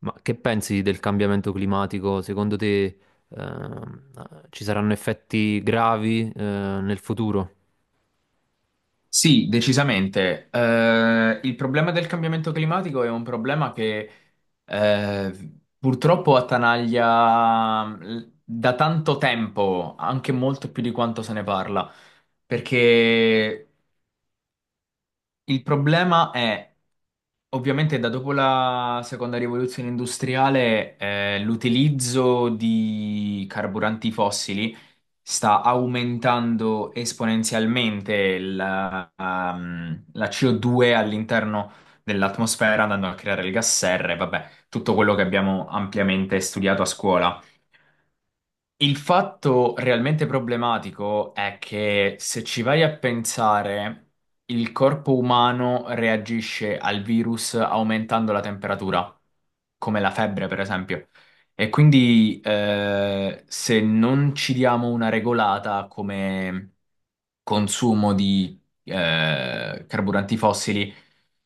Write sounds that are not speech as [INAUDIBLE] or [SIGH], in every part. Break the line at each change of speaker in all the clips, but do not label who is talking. Ma che pensi del cambiamento climatico? Secondo te, ehm, ci saranno effetti gravi, nel futuro?
Sì, decisamente. Il problema del cambiamento climatico è un problema che purtroppo attanaglia da tanto tempo, anche molto più di quanto se ne parla, perché il problema è, ovviamente, da dopo la seconda rivoluzione industriale, l'utilizzo di carburanti fossili sta aumentando esponenzialmente la CO2 all'interno dell'atmosfera, andando a creare il gas serra e vabbè, tutto quello che abbiamo ampiamente studiato a scuola. Il fatto realmente problematico è che se ci vai a pensare, il corpo umano reagisce al virus aumentando la temperatura, come la febbre, per esempio. E quindi se non ci diamo una regolata come consumo di carburanti fossili,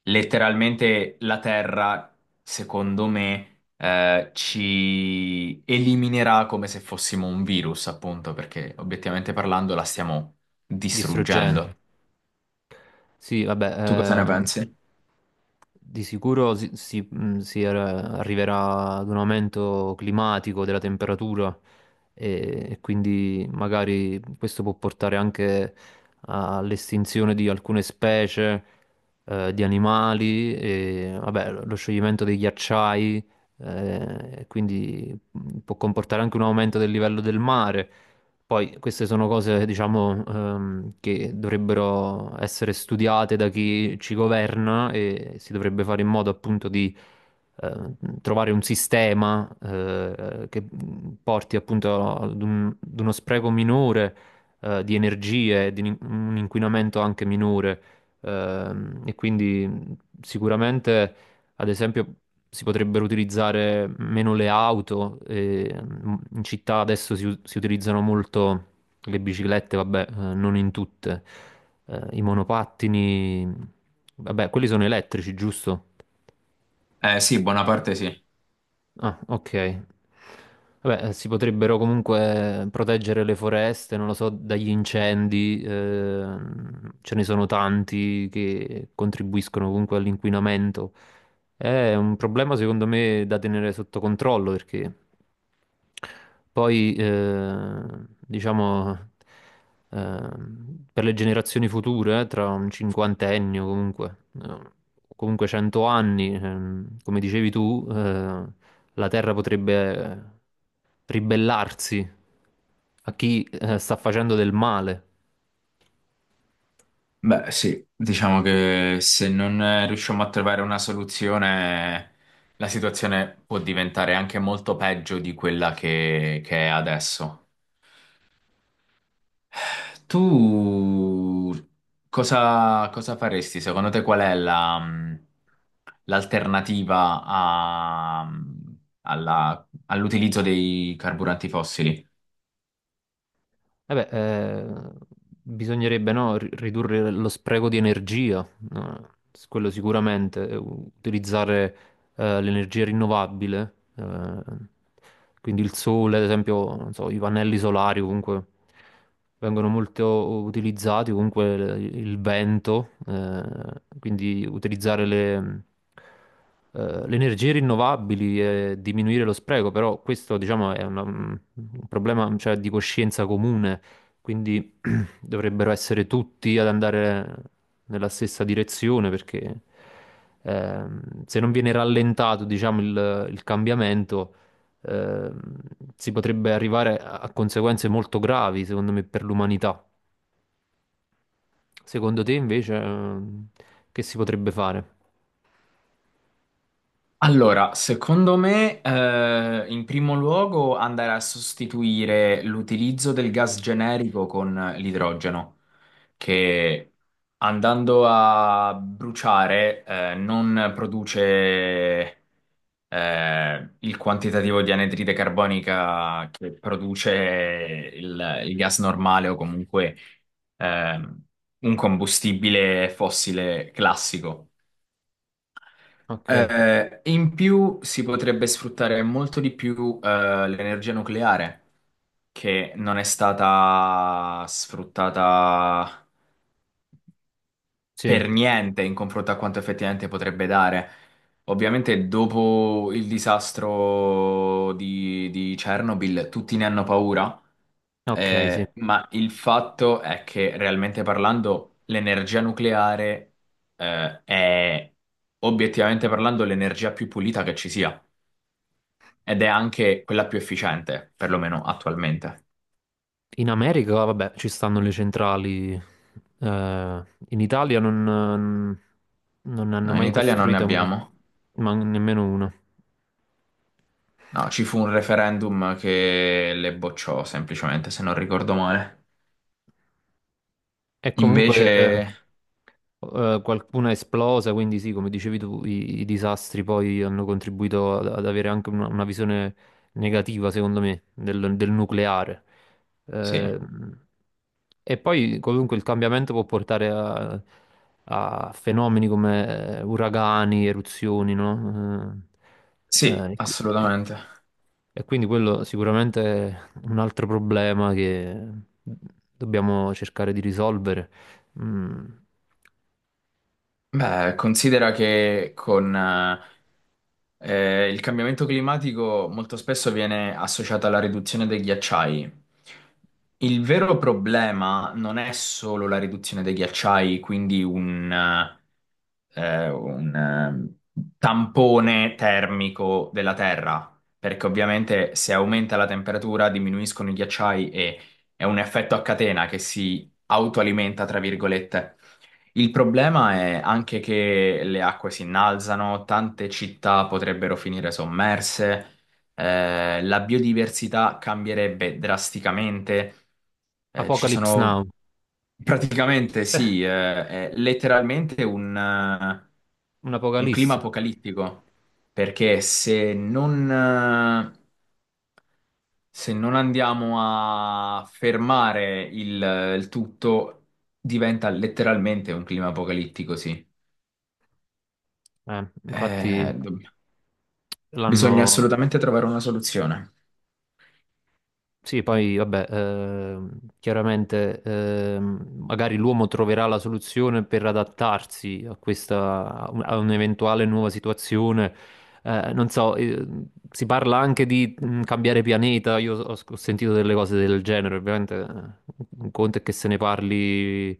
letteralmente la Terra, secondo me ci eliminerà come se fossimo un virus, appunto, perché obiettivamente parlando la stiamo
Distruggenti?
distruggendo.
Sì, vabbè,
Tu cosa ne pensi?
di sicuro arriverà ad un aumento climatico della temperatura e quindi magari questo può portare anche all'estinzione di alcune specie, di animali, e, vabbè, lo scioglimento dei ghiacciai, e quindi può comportare anche un aumento del livello del mare. Poi queste sono cose, diciamo, che dovrebbero essere studiate da chi ci governa e si dovrebbe fare in modo appunto di eh, trovare un sistema, che porti appunto ad uno spreco minore di energie, e di un inquinamento anche minore. E quindi sicuramente, ad esempio, si potrebbero utilizzare meno le auto. E, in città adesso si utilizzano molto le biciclette, vabbè, non in tutte. I monopattini, vabbè, quelli sono elettrici, giusto?
Eh sì, buona parte sì.
Ah, ok. Vabbè, si potrebbero comunque proteggere le foreste, non lo so, dagli incendi. Ce ne sono tanti che contribuiscono comunque all'inquinamento. È un problema, secondo me, da tenere sotto controllo, perché poi, diciamo, per le generazioni future, tra un cinquantennio comunque, eh, comunque 100 anni, come dicevi tu, la Terra potrebbe, ribellarsi a chi, sta facendo del male.
Beh, sì, diciamo che se non riusciamo a trovare una soluzione, la situazione può diventare anche molto peggio di quella che è adesso. Tu cosa faresti? Secondo te qual è l'alternativa all'utilizzo dei carburanti fossili?
Vabbè, bisognerebbe, no, ridurre lo spreco di energia, no? Quello sicuramente, utilizzare, l'energia rinnovabile, quindi il sole, ad esempio, non so, i pannelli solari comunque vengono molto utilizzati, comunque il vento, quindi utilizzare le energie rinnovabili e diminuire lo spreco. Però questo, diciamo, è un problema, cioè, di coscienza comune, quindi [CLEARS THROAT] dovrebbero essere tutti ad andare nella stessa direzione, perché, se non viene rallentato, diciamo, il cambiamento, ehm, si potrebbe arrivare a conseguenze molto gravi, secondo me, per l'umanità. Secondo te, invece, che si potrebbe fare?
Allora, secondo me, in primo luogo andare a sostituire l'utilizzo del gas generico con l'idrogeno, che andando a bruciare, non produce il quantitativo di anidride carbonica che produce il gas normale o comunque ehm, un combustibile fossile classico.
Ok,
In più si potrebbe sfruttare molto di più l'energia nucleare che non è stata sfruttata
sì,
per niente in confronto a quanto effettivamente potrebbe dare. Ovviamente dopo il disastro di Chernobyl tutti ne hanno paura,
ok, sì.
ma il fatto è che realmente parlando l'energia nucleare, è obiettivamente parlando l'energia più pulita che ci sia ed è anche quella più efficiente, perlomeno attualmente.
In America, vabbè, ci stanno le centrali. In Italia non ne hanno
Noi in
mai
Italia non ne
costruita uno,
abbiamo.
ma nemmeno una.
No, ci fu un referendum che le bocciò semplicemente, se non ricordo male.
E
Invece,
comunque, qualcuna è esplosa, quindi sì, come dicevi tu, i disastri poi hanno contribuito ad avere anche una visione negativa, secondo me, del nucleare.
sì,
Ehm, e poi comunque il cambiamento può portare a fenomeni come, uragani, eruzioni, no? Eh,
sì,
eh, e, qui- e-
assolutamente.
e quindi quello sicuramente è un altro problema che dobbiamo cercare di risolvere. Mm.
Beh, considera che con il cambiamento climatico molto spesso viene associato alla riduzione dei ghiacciai. Il vero problema non è solo la riduzione dei ghiacciai, quindi un tampone termico della Terra, perché ovviamente se aumenta la temperatura diminuiscono i ghiacciai e è un effetto a catena che si autoalimenta, tra virgolette. Il problema è anche che le acque si innalzano, tante città potrebbero finire sommerse, la biodiversità cambierebbe drasticamente, ci
Apocalypse
sono
Now,
praticamente, sì, è letteralmente un clima
un'apocalisse.
apocalittico, perché se non, se non andiamo a fermare il tutto, diventa letteralmente un clima apocalittico, sì.
Infatti
Eh, dobb- Bisogna
l'hanno.
assolutamente trovare una soluzione.
Sì, poi vabbè, chiaramente, magari l'uomo troverà la soluzione per adattarsi a questa, a un'eventuale nuova situazione. Non so, si parla anche di, cambiare pianeta. Io ho sentito delle cose del genere. Ovviamente, un conto è che se ne parli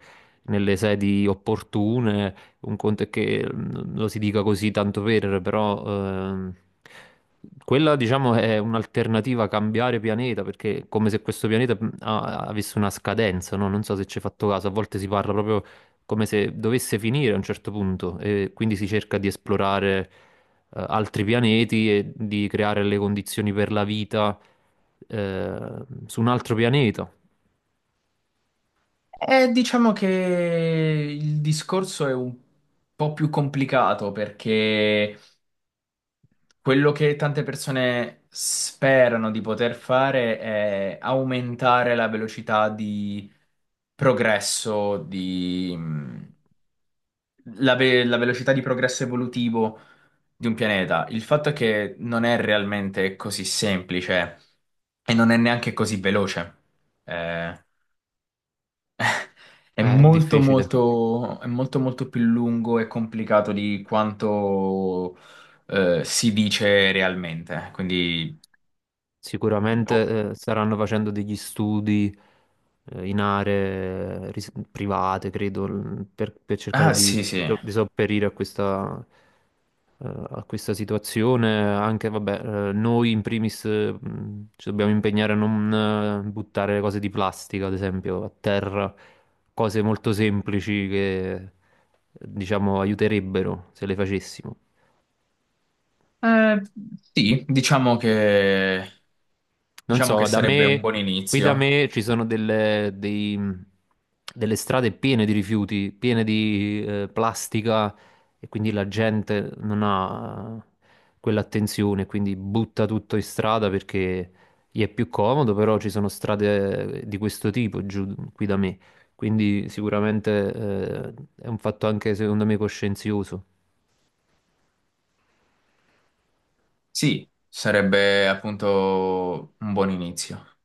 nelle sedi opportune. Un conto è che, lo si dica così, tanto per, però, ehm, quella, diciamo, è un'alternativa a cambiare pianeta, perché è come se questo pianeta, avesse una scadenza, no? Non so se ci hai fatto caso, a volte si parla proprio come se dovesse finire a un certo punto e quindi si cerca di esplorare, altri pianeti e di creare le condizioni per la vita, su un altro pianeta.
Diciamo che il discorso è un po' più complicato perché quello che tante persone sperano di poter fare è aumentare la velocità di progresso, di, mm, la, ve- la velocità di progresso evolutivo di un pianeta. Il fatto è che non è realmente così semplice e non è neanche così veloce. Eh, è
È difficile.
è molto, molto più lungo e complicato di quanto si dice realmente. Quindi, oh,
Sicuramente, staranno facendo degli studi, in aree, private, credo, per cercare
ah,
di,
sì,
di
sì.
so- di sopperire a questa situazione. Anche, vabbè, noi in primis, ci dobbiamo impegnare a non, buttare cose di plastica, ad esempio, a terra, cose molto semplici che, diciamo, aiuterebbero se le facessimo.
Eh, sì,
Non
diciamo che
so, da
sarebbe un
me,
buon
qui da
inizio.
me ci sono delle strade piene di rifiuti, piene di, plastica, e quindi la gente non ha quell'attenzione, quindi butta tutto in strada perché gli è più comodo. Però ci sono strade, di questo tipo giù qui da me, quindi sicuramente, è un fatto anche secondo me coscienzioso.
Sì, sarebbe appunto un buon inizio.